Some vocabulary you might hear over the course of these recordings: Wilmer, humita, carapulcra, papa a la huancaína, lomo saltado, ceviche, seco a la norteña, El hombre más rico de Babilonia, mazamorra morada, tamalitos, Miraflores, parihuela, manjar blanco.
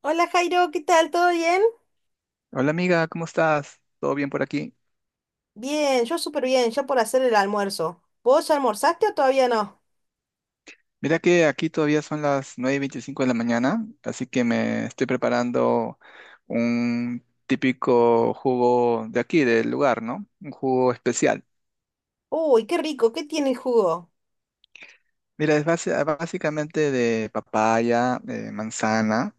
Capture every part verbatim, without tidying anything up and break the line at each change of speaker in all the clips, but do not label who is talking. Hola Jairo, ¿qué tal? ¿Todo bien?
Hola amiga, ¿cómo estás? ¿Todo bien por aquí?
Bien, yo súper bien, ya por hacer el almuerzo. ¿Vos ya almorzaste o todavía no?
Mira que aquí todavía son las nueve y veinticinco de la mañana, así que me estoy preparando un típico jugo de aquí, del lugar, ¿no? Un jugo especial.
Uy, qué rico, ¿qué tiene el jugo?
Mira, es base- básicamente de papaya, eh, manzana,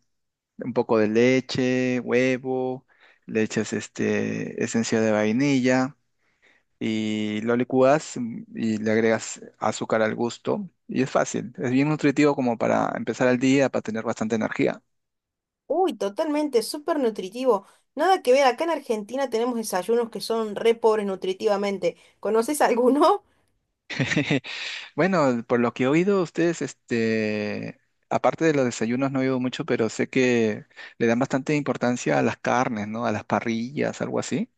un poco de leche, huevo, leches este, esencia de vainilla. Y lo licúas, mm, y le agregas azúcar al gusto y es fácil, es bien nutritivo como para empezar el día, para tener bastante energía.
Uy, totalmente, súper nutritivo. Nada que ver, acá en Argentina tenemos desayunos que son re pobres nutritivamente. ¿Conoces alguno?
Bueno, por lo que he oído, ustedes, este, aparte de los desayunos no he oído mucho, pero sé que le dan bastante importancia a las carnes, ¿no? A las parrillas, algo así.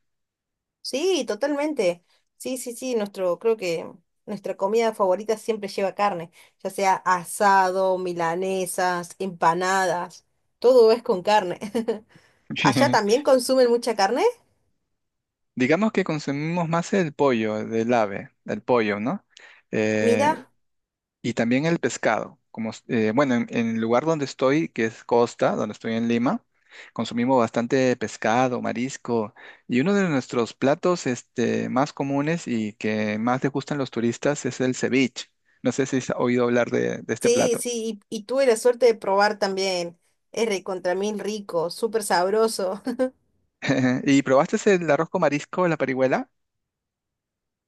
Sí, totalmente. Sí, sí, sí, nuestro, creo que nuestra comida favorita siempre lleva carne, ya sea asado, milanesas, empanadas, todo es con carne. ¿Allá también consumen mucha carne?
Digamos que consumimos más el pollo del ave, el pollo, ¿no? Eh,
Mira,
y también el pescado. Como, s- eh, bueno, en, en el lugar donde estoy, que es Costa, donde estoy en Lima, consumimos bastante pescado, marisco. Y uno de nuestros platos este, más comunes y que más les gustan los turistas es el ceviche. No sé si has oído hablar de, de este
sí,
plato.
sí, y, y tuve la suerte de probar también. Es recontra mil rico, súper sabroso.
¿Y probaste el arroz con marisco, la parihuela?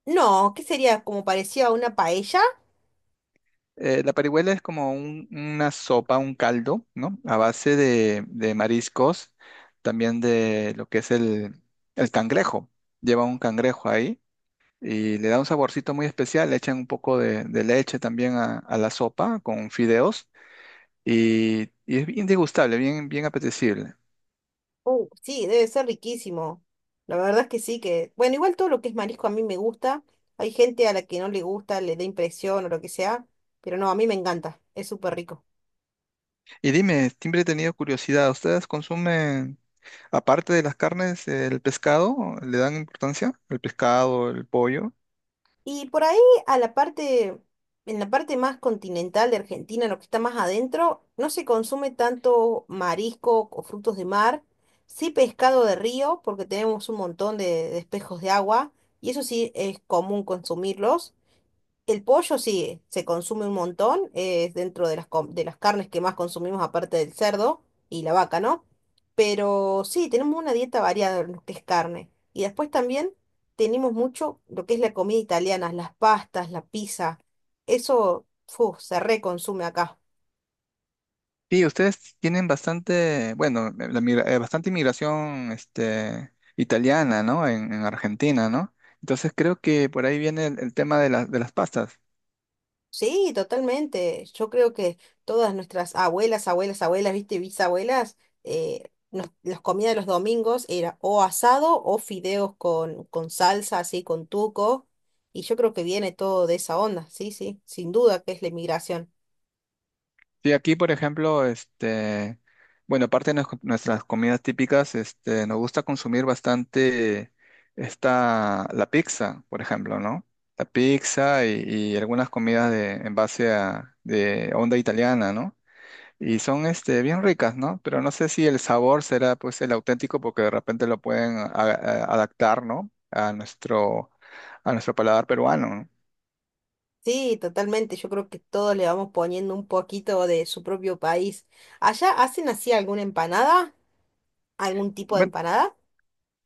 No, ¿qué sería? ¿Como parecía a una paella?
Eh, la parihuela es como un- una sopa, un caldo, ¿no? A base de, de mariscos, también de lo que es el, el cangrejo. Lleva un cangrejo ahí y le da un saborcito muy especial. Le echan un poco de, de leche también a, a la sopa con fideos y, y es bien degustable, bien, bien apetecible.
Uh, sí, debe ser riquísimo. La verdad es que sí, que… Bueno, igual todo lo que es marisco a mí me gusta. Hay gente a la que no le gusta, le da impresión o lo que sea, pero no, a mí me encanta, es súper rico.
Y dime, siempre he tenido curiosidad, ¿ustedes consumen, aparte de las carnes, el pescado? ¿Le dan importancia? ¿El pescado, el pollo?
Y por ahí a la parte, en la parte más continental de Argentina, lo que está más adentro, no se consume tanto marisco o frutos de mar, sí pescado de río, porque tenemos un montón de, de espejos de agua, y eso sí es común consumirlos. El pollo sí, se consume un montón, es dentro de las, com- de las carnes que más consumimos aparte del cerdo y la vaca, ¿no? Pero sí, tenemos una dieta variada en lo que es carne. Y después también tenemos mucho lo que es la comida italiana, las pastas, la pizza. Eso, fu, se reconsume acá.
Sí, ustedes tienen bastante, bueno, eh, la migra- eh, bastante inmigración este, italiana, ¿no? En, en Argentina, ¿no? Entonces creo que por ahí viene el, el tema de, las de las pastas.
Sí, totalmente. Yo creo que todas nuestras abuelas, abuelas, abuelas, viste, bisabuelas, eh, nos- las comidas de los domingos era o asado o fideos con, con salsa, así, con tuco. Y yo creo que viene todo de esa onda, sí, sí, sin duda que es la inmigración.
Sí, aquí, por ejemplo, este, bueno, aparte de nues- nuestras comidas típicas, este, nos gusta consumir bastante esta, la pizza, por ejemplo, ¿no? La pizza y, y algunas comidas de, en base a de onda italiana, ¿no? Y son este, bien ricas, ¿no? Pero no sé si el sabor será pues el auténtico porque de repente lo pueden a- a- adaptar, ¿no? A nuestro, a nuestro paladar peruano, ¿no?
Sí, totalmente. Yo creo que todos le vamos poniendo un poquito de su propio país. ¿Allá hacen así alguna empanada? ¿Algún tipo de
Bueno,
empanada?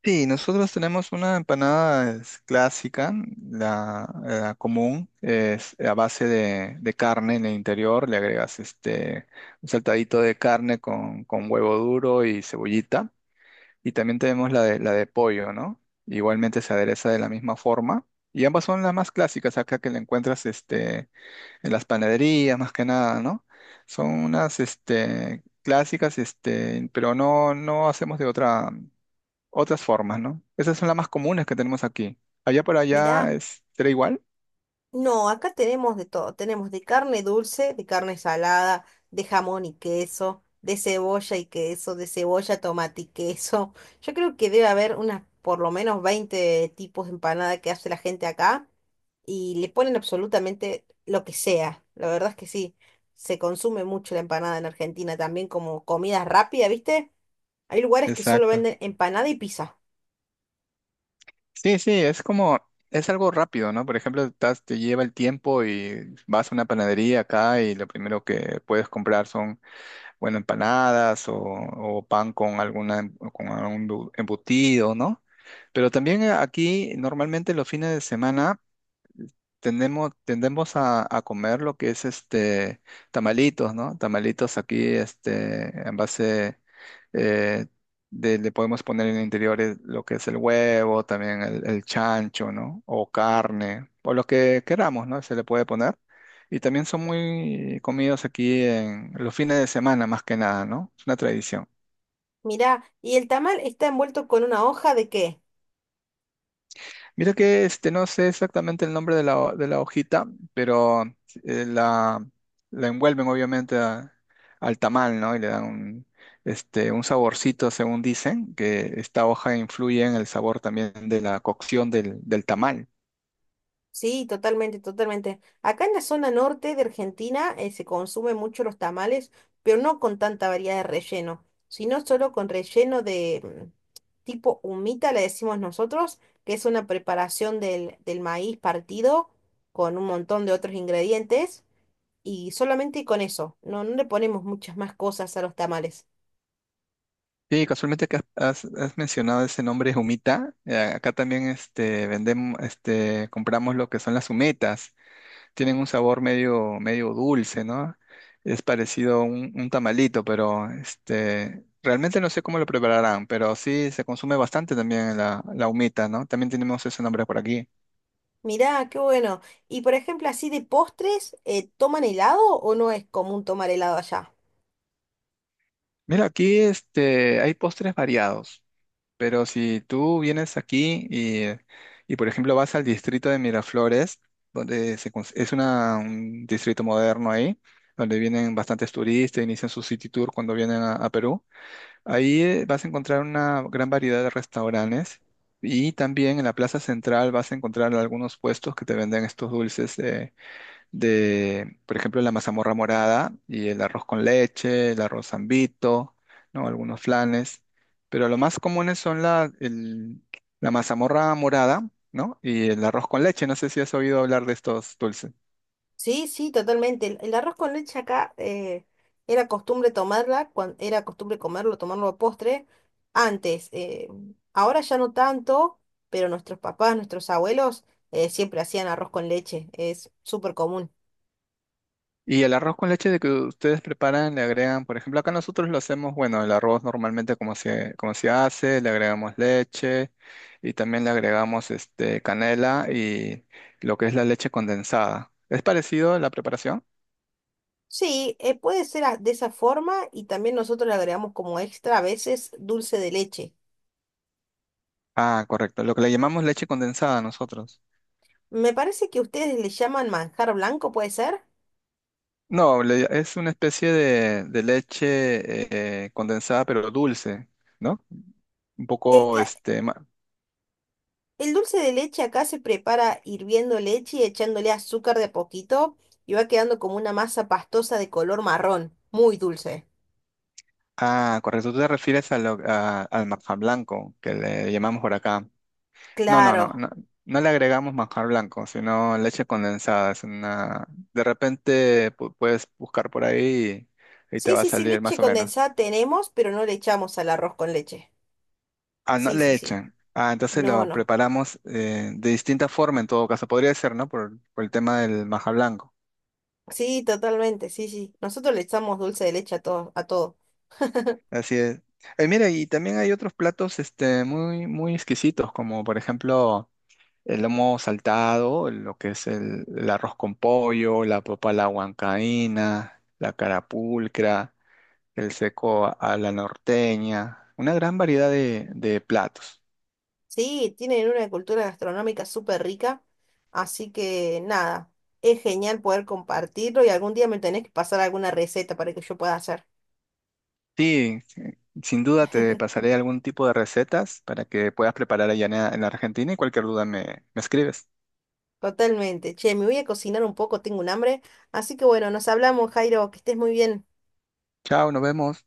sí, nosotros tenemos una empanada es, clásica, la, la común, es a base de, de carne en el interior, le agregas este, un saltadito de carne con, con huevo duro y cebollita. Y también tenemos la de, la de pollo, ¿no? Igualmente se adereza de la misma forma. Y ambas son las más clásicas acá que la encuentras este, en las panaderías, más que nada, ¿no? Son unas este, clásicas, este, pero no, no hacemos de otra, otras formas, ¿no? Esas son las más comunes que tenemos aquí. Allá por allá
Mirá.
es, será igual.
No, acá tenemos de todo. Tenemos de carne dulce, de carne salada, de jamón y queso, de cebolla y queso, de cebolla, tomate y queso. Yo creo que debe haber unas por lo menos veinte tipos de empanada que hace la gente acá y le ponen absolutamente lo que sea. La verdad es que sí, se consume mucho la empanada en Argentina también como comida rápida, ¿viste? Hay lugares que solo
Exacto.
venden empanada y pizza.
Sí, sí, es como, es algo rápido, ¿no? Por ejemplo, estás- te lleva el tiempo y vas a una panadería acá y lo primero que puedes comprar son bueno, empanadas o, o pan con alguna, em- con algún bu- embutido, ¿no? Pero también eh, aquí normalmente los fines de semana tenemos tendemos a, a comer lo que es este tamalitos, ¿no? Tamalitos aquí, este, en base eh, de- le podemos poner en interiores lo que es el huevo, también el, el chancho, ¿no? O carne, o lo que queramos, ¿no? Se le puede poner. Y también son muy comidos aquí en los fines de semana, más que nada, ¿no? Es una tradición.
Mirá, ¿y el tamal está envuelto con una hoja de qué?
Mira que este, no sé exactamente el nombre de la, ho- de la hojita, pero eh, la, la envuelven obviamente a- al tamal, ¿no? Y le dan un, este, un saborcito, según dicen, que esta hoja influye en el sabor también de la cocción del, del tamal.
Sí, totalmente, totalmente. Acá en la zona norte de Argentina eh, se consumen mucho los tamales, pero no con tanta variedad de relleno, sino solo con relleno de mm, tipo humita, le decimos nosotros, que es una preparación del, del maíz partido con un montón de otros ingredientes y solamente con eso. No, no le ponemos muchas más cosas a los tamales.
Sí, casualmente que has, has- mencionado ese nombre humita, eh, acá también este, vendemos, este, compramos lo que son las humetas. Tienen un sabor medio, medio dulce, ¿no? Es parecido a un, un tamalito, pero este, realmente no sé cómo lo prepararán, pero sí se consume bastante también la, la humita, ¿no? También tenemos ese nombre por aquí.
Mirá, qué bueno. Y por ejemplo, así de postres, eh, ¿toman helado o no es común tomar helado allá?
Mira, aquí este, hay postres variados, pero si tú vienes aquí y, y, por ejemplo, vas al distrito de Miraflores, donde se cons- es una, un distrito moderno ahí, donde vienen bastantes turistas, inician su city tour cuando vienen a a Perú. Ahí eh, vas a encontrar una gran variedad de restaurantes y también en la plaza central vas a encontrar algunos puestos que te venden estos dulces eh, de, por ejemplo, la mazamorra morada y el arroz con leche, el arroz zambito, ¿no? Algunos flanes. Pero lo más comunes son la, el- la mazamorra morada, ¿no? Y el arroz con leche. No sé si has oído hablar de estos dulces.
Sí, sí, totalmente. El, el arroz con leche acá eh, era costumbre tomarla, cuando era costumbre comerlo, tomarlo a postre antes. Eh, ahora ya no tanto, pero nuestros papás, nuestros abuelos eh, siempre hacían arroz con leche. Es súper común.
Y el arroz con leche de que ustedes preparan, le agregan, por ejemplo, acá nosotros lo hacemos, bueno, el arroz normalmente como se, como se hace, le agregamos leche y también le agregamos este canela y lo que es la leche condensada. ¿Es parecido a la preparación?
Sí, eh, puede ser a- de esa forma y también nosotros le agregamos como extra a veces dulce de leche.
Ah, correcto, lo que le llamamos leche condensada nosotros.
Me parece que ustedes le llaman manjar blanco, ¿puede ser?
No, le- es una especie de, de leche eh, condensada pero dulce, ¿no? Un
Eh,
poco
cla-
este, ma-
el dulce de leche acá se prepara hirviendo leche y echándole azúcar de a poquito y va quedando como una masa pastosa de color marrón, muy dulce.
Ah, correcto. Tú te refieres a lo- a- al manjar blanco, que le llamamos por acá. No, no, no,
Claro.
no. No le agregamos manjar blanco, sino leche condensada. Es una... De repente pu- puedes buscar por ahí y, y te
Sí,
va a
sí, sí,
salir
leche
más o menos.
condensada tenemos, pero no le echamos al arroz con leche.
Ah, no
Sí, sí,
le
sí.
echan. Ah, entonces
No,
lo
no.
preparamos eh, de distinta forma en todo caso. Podría ser, ¿no? Por, por el tema del manjar blanco.
Sí, totalmente, sí, sí. Nosotros le echamos dulce de leche a todo, a todo.
Así es. Eh, mira, y también hay otros platos este, muy, muy exquisitos, como por ejemplo, el lomo saltado, lo que es el, el arroz con pollo, la papa a la huancaína, la carapulcra, el seco a a la norteña, una gran variedad de, de platos.
Sí, tienen una cultura gastronómica súper rica, así que nada, es genial poder compartirlo y algún día me tenés que pasar alguna receta para que yo pueda hacer.
Sí, sí, sin duda te pasaré algún tipo de recetas para que puedas preparar allá en en Argentina y cualquier duda me, me escribes.
Totalmente. Che, me voy a cocinar un poco, tengo un hambre. Así que bueno, nos hablamos, Jairo, que estés muy bien.
Chao, nos vemos.